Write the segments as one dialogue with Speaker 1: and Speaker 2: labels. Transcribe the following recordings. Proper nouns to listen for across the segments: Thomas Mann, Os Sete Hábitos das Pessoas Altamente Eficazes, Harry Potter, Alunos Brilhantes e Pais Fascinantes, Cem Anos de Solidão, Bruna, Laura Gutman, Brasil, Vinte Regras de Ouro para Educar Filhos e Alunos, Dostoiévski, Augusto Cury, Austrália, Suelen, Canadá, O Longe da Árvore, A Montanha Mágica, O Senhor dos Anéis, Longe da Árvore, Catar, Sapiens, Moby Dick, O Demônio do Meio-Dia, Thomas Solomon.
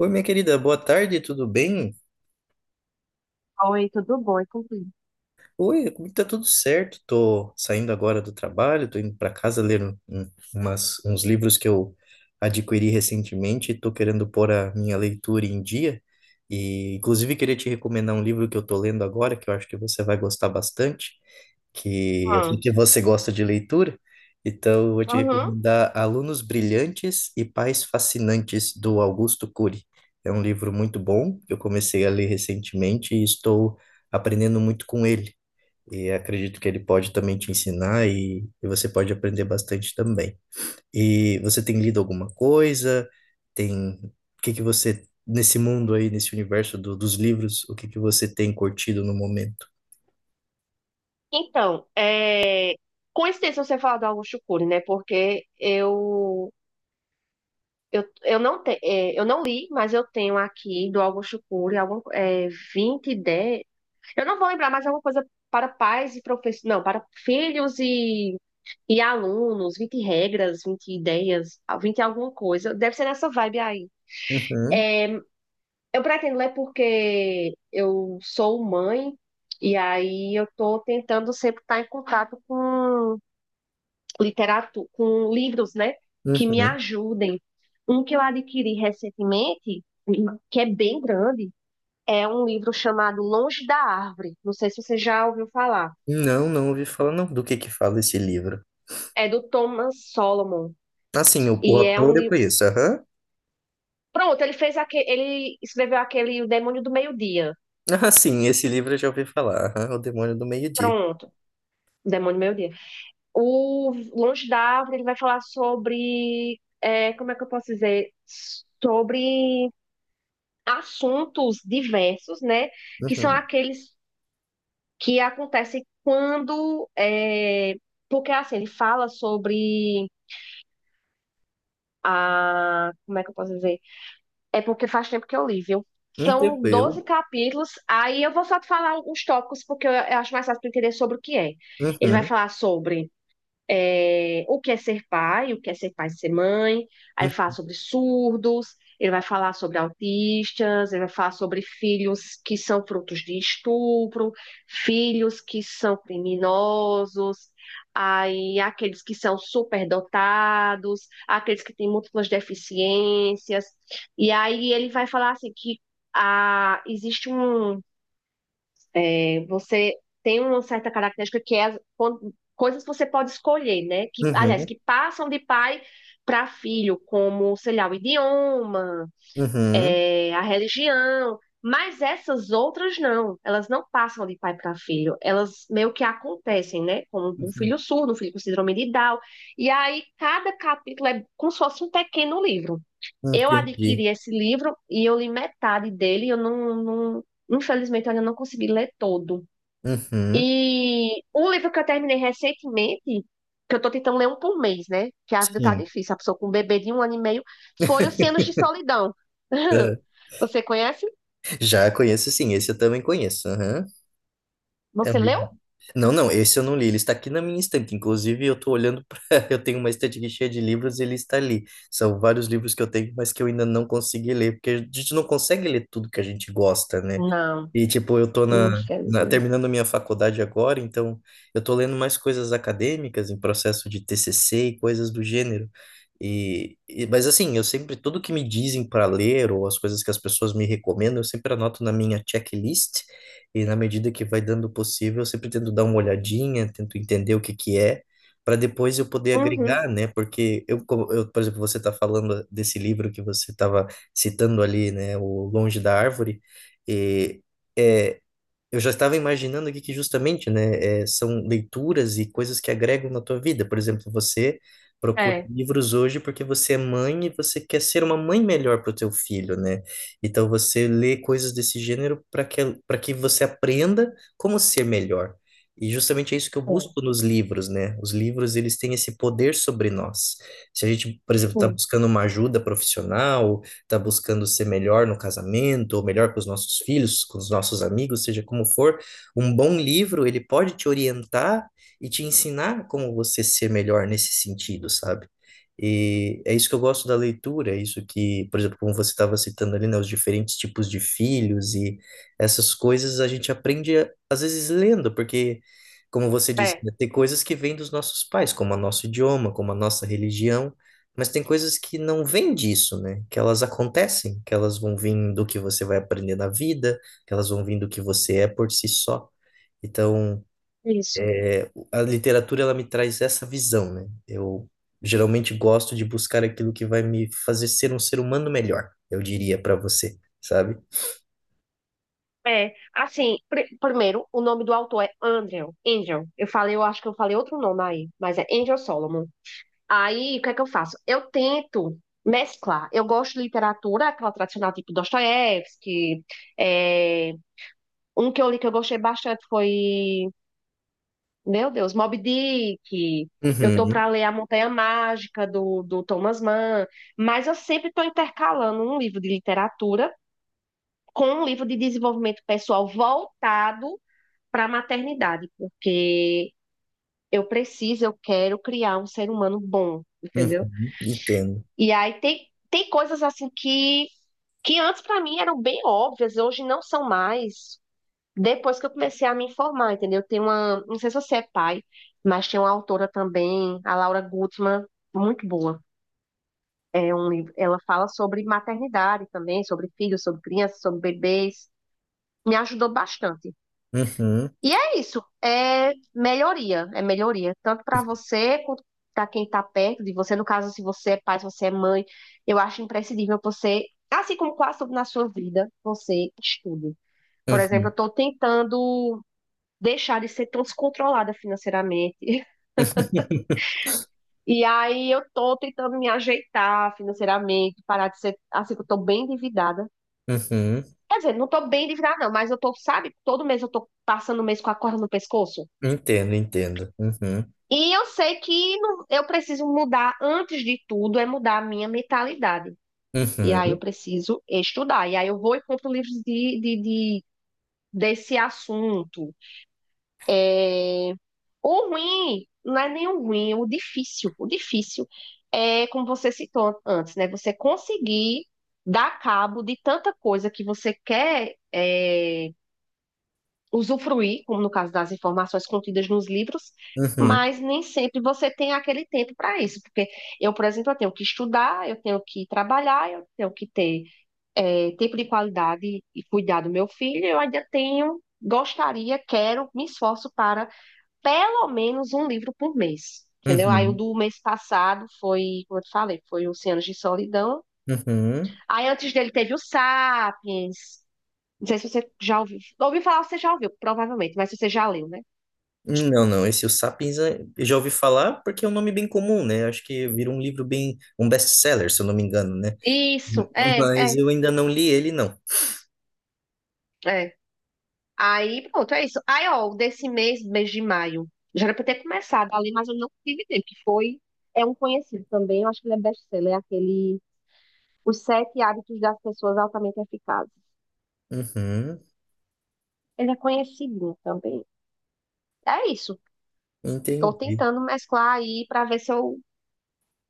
Speaker 1: Oi, minha querida, boa tarde, tudo bem?
Speaker 2: Oi, tudo bom? E contigo?
Speaker 1: Oi, comigo tá tudo certo. Tô saindo agora do trabalho, tô indo para casa ler uns livros que eu adquiri recentemente. Tô querendo pôr a minha leitura em dia. E, inclusive, queria te recomendar um livro que eu tô lendo agora, que eu acho que você vai gostar bastante, que eu sei
Speaker 2: Hum.
Speaker 1: que você gosta de leitura. Então, eu vou te
Speaker 2: Uhum.
Speaker 1: recomendar Alunos Brilhantes e Pais Fascinantes, do Augusto Cury. É um livro muito bom, que eu comecei a ler recentemente e estou aprendendo muito com ele. E acredito que ele pode também te ensinar e você pode aprender bastante também. E você tem lido alguma coisa? Tem, o que que você, nesse mundo aí, nesse universo dos livros, o que que você tem curtido no momento?
Speaker 2: Então, coincidência você falar do Augusto Cury, né? Porque eu, eu não li, mas eu tenho aqui do Augusto Cury algum, 20 ideias. Eu não vou lembrar, mas alguma coisa para pais e professores, não, para filhos e alunos, 20 regras, 20 ideias, 20 alguma coisa. Deve ser nessa vibe aí.
Speaker 1: Uhum,
Speaker 2: É, Eu pretendo ler porque eu sou mãe e aí eu estou tentando sempre estar em contato com literatura, com livros, né, que me
Speaker 1: uhum.
Speaker 2: ajudem. Um que eu adquiri recentemente, que é bem grande, é um livro chamado Longe da Árvore. Não sei se você já ouviu falar.
Speaker 1: Não, não ouvi falar não. Do que fala esse livro?
Speaker 2: É do Thomas Solomon
Speaker 1: Assim, o
Speaker 2: e é um
Speaker 1: autor eu
Speaker 2: livro.
Speaker 1: conheço, aham.
Speaker 2: Pronto, ele escreveu aquele O Demônio do Meio-Dia.
Speaker 1: Ah, sim, esse livro eu já ouvi falar, aham, O Demônio do Meio-Dia.
Speaker 2: Pronto, O Demônio do Meio-Dia. O Longe da Árvore, ele vai falar sobre, como é que eu posso dizer? Sobre assuntos diversos, né? Que são
Speaker 1: Uhum.
Speaker 2: aqueles que acontecem quando. Porque, assim, ele fala sobre a. Como é que eu posso dizer? É porque faz tempo que eu li, viu? São
Speaker 1: Tranquilo.
Speaker 2: 12 capítulos. Aí eu vou só te falar alguns tópicos, porque eu acho mais fácil para entender sobre o que é. Ele vai
Speaker 1: Uhum.
Speaker 2: falar sobre o que é ser pai, o que é ser pai e ser mãe, aí fala
Speaker 1: Hum.
Speaker 2: sobre surdos, ele vai falar sobre autistas, ele vai falar sobre filhos que são frutos de estupro, filhos que são criminosos, aí aqueles que são superdotados, aqueles que têm múltiplas deficiências, e aí ele vai falar assim que ah, existe um, você tem uma certa característica que é coisas que você pode escolher, né? Que, aliás,
Speaker 1: Uhum.
Speaker 2: que passam de pai para filho, como, sei lá, o idioma,
Speaker 1: Uhum.
Speaker 2: a religião. Mas essas outras não, elas não passam de pai para filho, elas meio que acontecem, né? Como um
Speaker 1: Uhum.
Speaker 2: filho surdo, um filho com síndrome de Down. E aí cada capítulo é como se fosse um pequeno livro. Eu
Speaker 1: Entendi.
Speaker 2: adquiri esse livro e eu li metade dele, eu infelizmente eu ainda não consegui ler todo.
Speaker 1: Uhum.
Speaker 2: E um livro que eu terminei recentemente, que eu tô tentando ler um por mês, né? Que a vida tá
Speaker 1: Sim.
Speaker 2: difícil, a pessoa com um bebê de 1 ano e meio, foi o Cem Anos de Solidão. Você conhece?
Speaker 1: Já conheço, sim, esse eu também conheço, aham. É um
Speaker 2: Você
Speaker 1: livro.
Speaker 2: leu?
Speaker 1: Não, não, esse eu não li, ele está aqui na minha estante. Inclusive, eu tô olhando para. Eu tenho uma estante aqui cheia de livros e ele está ali. São vários livros que eu tenho, mas que eu ainda não consegui ler, porque a gente não consegue ler tudo que a gente gosta, né?
Speaker 2: Não,
Speaker 1: E, tipo, eu tô
Speaker 2: infelizmente.
Speaker 1: terminando minha faculdade agora, então eu tô lendo mais coisas acadêmicas em processo de TCC e coisas do gênero. Mas assim, eu sempre, tudo que me dizem para ler ou as coisas que as pessoas me recomendam, eu sempre anoto na minha checklist e na medida que vai dando possível, eu sempre tento dar uma olhadinha, tento entender o que que é, para depois eu poder
Speaker 2: Uhum,
Speaker 1: agregar, né? Porque eu, por exemplo, você está falando desse livro que você estava citando ali, né, O Longe da Árvore, é, eu já estava imaginando aqui que justamente, né, é, são leituras e coisas que agregam na tua vida. Por exemplo, você procura
Speaker 2: é,
Speaker 1: livros hoje porque você é mãe e você quer ser uma mãe melhor para o teu filho, né? Então você lê coisas desse gênero para que você aprenda como ser melhor. E justamente é isso que eu
Speaker 2: é,
Speaker 1: busco nos livros, né? Os livros, eles têm esse poder sobre nós. Se a gente, por exemplo, está
Speaker 2: sim,
Speaker 1: buscando uma ajuda profissional, está buscando ser melhor no casamento, ou melhor com os nossos filhos, com os nossos amigos, seja como for, um bom livro, ele pode te orientar e te ensinar como você ser melhor nesse sentido, sabe? E é isso que eu gosto da leitura, é isso que, por exemplo, como você estava citando ali, né, os diferentes tipos de filhos e essas coisas a gente aprende, às vezes, lendo, porque, como você disse,
Speaker 2: é,
Speaker 1: né, tem coisas que vêm dos nossos pais, como o nosso idioma, como a nossa religião, mas tem coisas que não vêm disso, né? Que elas acontecem, que elas vão vir do que você vai aprender na vida, que elas vão vir do que você é por si só. Então,
Speaker 2: isso.
Speaker 1: é, a literatura ela me traz essa visão, né? Eu geralmente gosto de buscar aquilo que vai me fazer ser um ser humano melhor, eu diria para você, sabe?
Speaker 2: Assim, primeiro, o nome do autor é Andrew, Angel. Eu falei, eu acho que eu falei outro nome aí, mas é Angel Solomon. Aí, o que é que eu faço? Eu tento mesclar. Eu gosto de literatura, aquela tradicional, tipo Dostoiévski. é, Um que eu li que eu gostei bastante foi, meu Deus, Moby Dick. Eu tô
Speaker 1: Uhum,
Speaker 2: para ler A Montanha Mágica, do Thomas Mann. Mas eu sempre estou intercalando um livro de literatura com um livro de desenvolvimento pessoal voltado para a maternidade, porque eu preciso, eu quero criar um ser humano bom, entendeu?
Speaker 1: uhum, entendo.
Speaker 2: E aí tem coisas assim que antes para mim eram bem óbvias, hoje não são mais. Depois que eu comecei a me informar, entendeu? Tem uma, não sei se você é pai, mas tem uma autora também, a Laura Gutman, muito boa. É um livro, ela fala sobre maternidade também, sobre filhos, sobre crianças, sobre bebês. Me ajudou bastante.
Speaker 1: Uhum,
Speaker 2: E é isso, é melhoria, tanto para você quanto para quem está perto de você. No caso, se você é pai, se você é mãe, eu acho imprescindível você, assim como quase tudo na sua vida, você estude. Por exemplo, eu
Speaker 1: uhum,
Speaker 2: estou tentando deixar de ser tão descontrolada financeiramente. E aí eu estou tentando me ajeitar financeiramente, parar de ser assim que eu estou bem endividada.
Speaker 1: uhum,
Speaker 2: Quer dizer, não estou bem endividada, não, mas eu tô, sabe, todo mês eu estou passando o mês com a corda no pescoço.
Speaker 1: entendo, entendo. Uhum,
Speaker 2: E eu sei que eu preciso mudar, antes de tudo, é mudar a minha mentalidade. E aí eu
Speaker 1: uhum,
Speaker 2: preciso estudar. E aí eu vou e compro livros desse assunto. O ruim, não é nem o ruim, é o difícil. O difícil é, como você citou antes, né? Você conseguir dar cabo de tanta coisa que você quer, usufruir, como no caso das informações contidas nos livros,
Speaker 1: uhum,
Speaker 2: mas nem sempre você tem aquele tempo para isso, porque eu, por exemplo, eu tenho que estudar, eu tenho que trabalhar, eu tenho que ter tempo de qualidade e cuidar do meu filho, eu ainda tenho, gostaria, quero, me esforço para pelo menos um livro por mês. Entendeu? Aí o
Speaker 1: uhum,
Speaker 2: do mês passado foi, como eu te falei, foi o 100 anos de solidão.
Speaker 1: uhum.
Speaker 2: Aí antes dele teve o Sapiens. Não sei se você já ouviu. Ouvi falar, você já ouviu, provavelmente, mas se você já leu, né?
Speaker 1: Não, não, esse O Sapiens é- eu já ouvi falar porque é um nome bem comum, né? Acho que virou um livro bem, um best-seller, se eu não me engano, né? M-
Speaker 2: Isso,
Speaker 1: mas
Speaker 2: é,
Speaker 1: eu ainda não li ele, não.
Speaker 2: é. Aí, pronto, é isso. Aí, ó, desse mês, mês de maio, já era pra eu ter começado ali, mas eu não tive tempo, que foi, é um conhecido também, eu acho que ele é best-seller, é aquele, Os Sete Hábitos das Pessoas Altamente Eficazes.
Speaker 1: Uhum,
Speaker 2: Ele é conhecido também. É isso, tô
Speaker 1: entendi.
Speaker 2: tentando mesclar aí pra ver se eu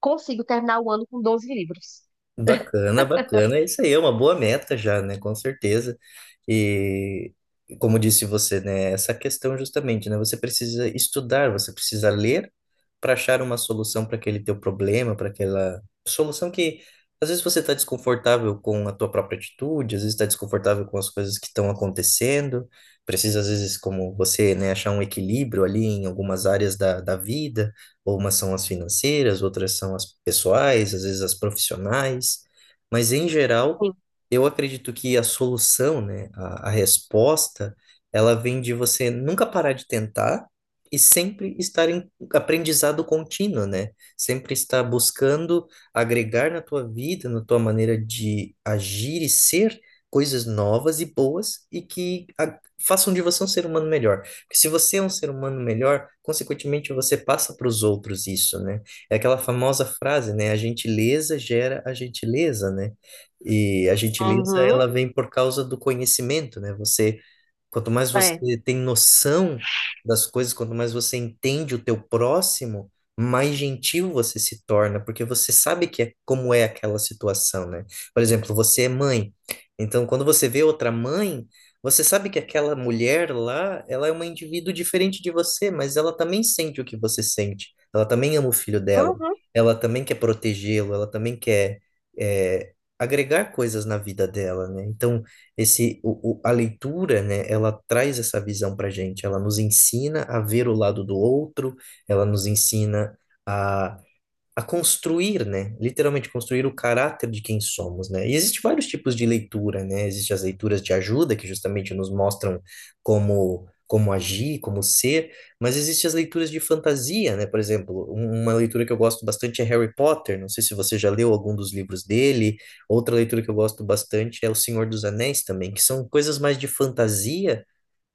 Speaker 2: consigo terminar o ano com 12 livros.
Speaker 1: Bacana, bacana. É. Isso aí é uma boa meta já, né? Com certeza. E como disse você, né? Essa questão justamente, né? Você precisa estudar, você precisa ler para achar uma solução para aquele teu problema, para aquela solução que às vezes você está desconfortável com a tua própria atitude, às vezes está desconfortável com as coisas que estão acontecendo. Precisa às vezes, como você, né? Achar um equilíbrio ali em algumas áreas da vida. Ou umas são as financeiras, outras são as pessoais, às vezes as profissionais. Mas, em geral,
Speaker 2: Sim.
Speaker 1: eu acredito que a solução, né, a resposta, ela vem de você nunca parar de tentar e sempre estar em aprendizado contínuo, né? Sempre estar buscando agregar na tua vida, na tua maneira de agir e ser coisas novas e boas e que a- façam de você um ser humano melhor. Porque se você é um ser humano melhor, consequentemente você passa para os outros isso, né? É aquela famosa frase, né? A gentileza gera a gentileza, né? E a gentileza,
Speaker 2: Uhum,
Speaker 1: ela vem por causa do conhecimento, né? Você, quanto mais
Speaker 2: é.
Speaker 1: você tem noção das coisas, quanto mais você entende o teu próximo, mais gentil você se torna, porque você sabe que é, como é aquela situação, né? Por exemplo, você é mãe. Então, quando você vê outra mãe, você sabe que aquela mulher lá, ela é uma indivíduo diferente de você, mas ela também sente o que você sente. Ela também ama o filho dela.
Speaker 2: Uhum,
Speaker 1: Ela também quer protegê-lo. Ela também quer é, agregar coisas na vida dela, né? Então, a leitura, né? Ela traz essa visão pra gente. Ela nos ensina a ver o lado do outro. Ela nos ensina a construir, né? Literalmente construir o caráter de quem somos, né? E existem vários tipos de leitura, né? Existem as leituras de ajuda, que justamente nos mostram como agir, como ser, mas existem as leituras de fantasia, né? Por exemplo, uma leitura que eu gosto bastante é Harry Potter, não sei se você já leu algum dos livros dele. Outra leitura que eu gosto bastante é O Senhor dos Anéis também, que são coisas mais de fantasia,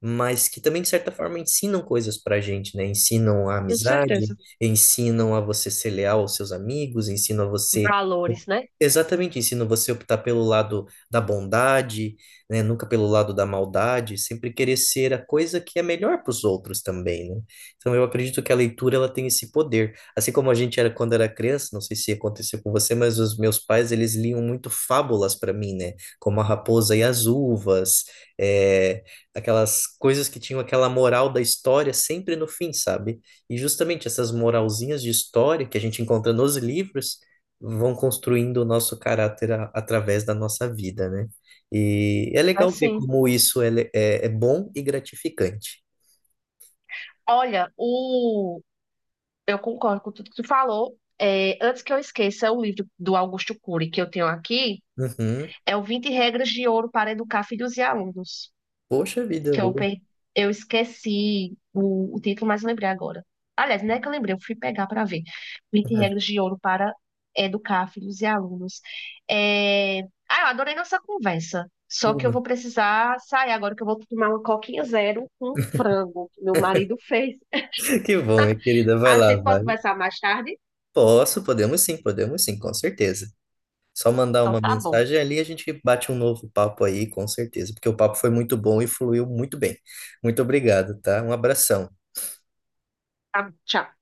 Speaker 1: mas que também, de certa forma, ensinam coisas pra gente, né? Ensinam a
Speaker 2: com
Speaker 1: amizade,
Speaker 2: certeza.
Speaker 1: ensinam a você ser leal aos seus amigos, ensinam a você.
Speaker 2: Valores, né?
Speaker 1: Exatamente, ensinam você a optar pelo lado da bondade, né? Nunca pelo lado da maldade, sempre querer ser a coisa que é melhor para os outros também, né? Então eu acredito que a leitura ela tem esse poder. Assim como a gente era quando era criança, não sei se aconteceu com você, mas os meus pais eles liam muito fábulas para mim, né? Como a Raposa e as Uvas, eh, aquelas coisas que tinham aquela moral da história sempre no fim, sabe? E justamente essas moralzinhas de história que a gente encontra nos livros vão construindo o nosso caráter a- através da nossa vida, né? E é
Speaker 2: É
Speaker 1: legal ver
Speaker 2: sim.
Speaker 1: como isso é, é bom e gratificante.
Speaker 2: Olha, o eu concordo com tudo que tu falou. Antes que eu esqueça, o livro do Augusto Cury que eu tenho aqui
Speaker 1: Uhum.
Speaker 2: é o Vinte Regras de Ouro para Educar Filhos e Alunos,
Speaker 1: Poxa vida, eu
Speaker 2: que eu,
Speaker 1: vou.
Speaker 2: eu esqueci o título, mas eu lembrei agora. Aliás, não é que eu lembrei, eu fui pegar para ver. Vinte Regras de Ouro para Educar Filhos e Alunos. É, Ah, eu adorei nossa conversa. Só que eu vou precisar sair agora, que eu vou tomar uma coquinha zero com frango que meu marido fez.
Speaker 1: Que bom, minha querida. Vai
Speaker 2: A
Speaker 1: lá,
Speaker 2: gente pode
Speaker 1: vai.
Speaker 2: conversar mais tarde?
Speaker 1: Posso, podemos sim, com certeza. Só mandar
Speaker 2: Então
Speaker 1: uma
Speaker 2: tá bom.
Speaker 1: mensagem ali, a gente bate um novo papo aí, com certeza, porque o papo foi muito bom e fluiu muito bem. Muito obrigado, tá? Um abração.
Speaker 2: Tá, tchau.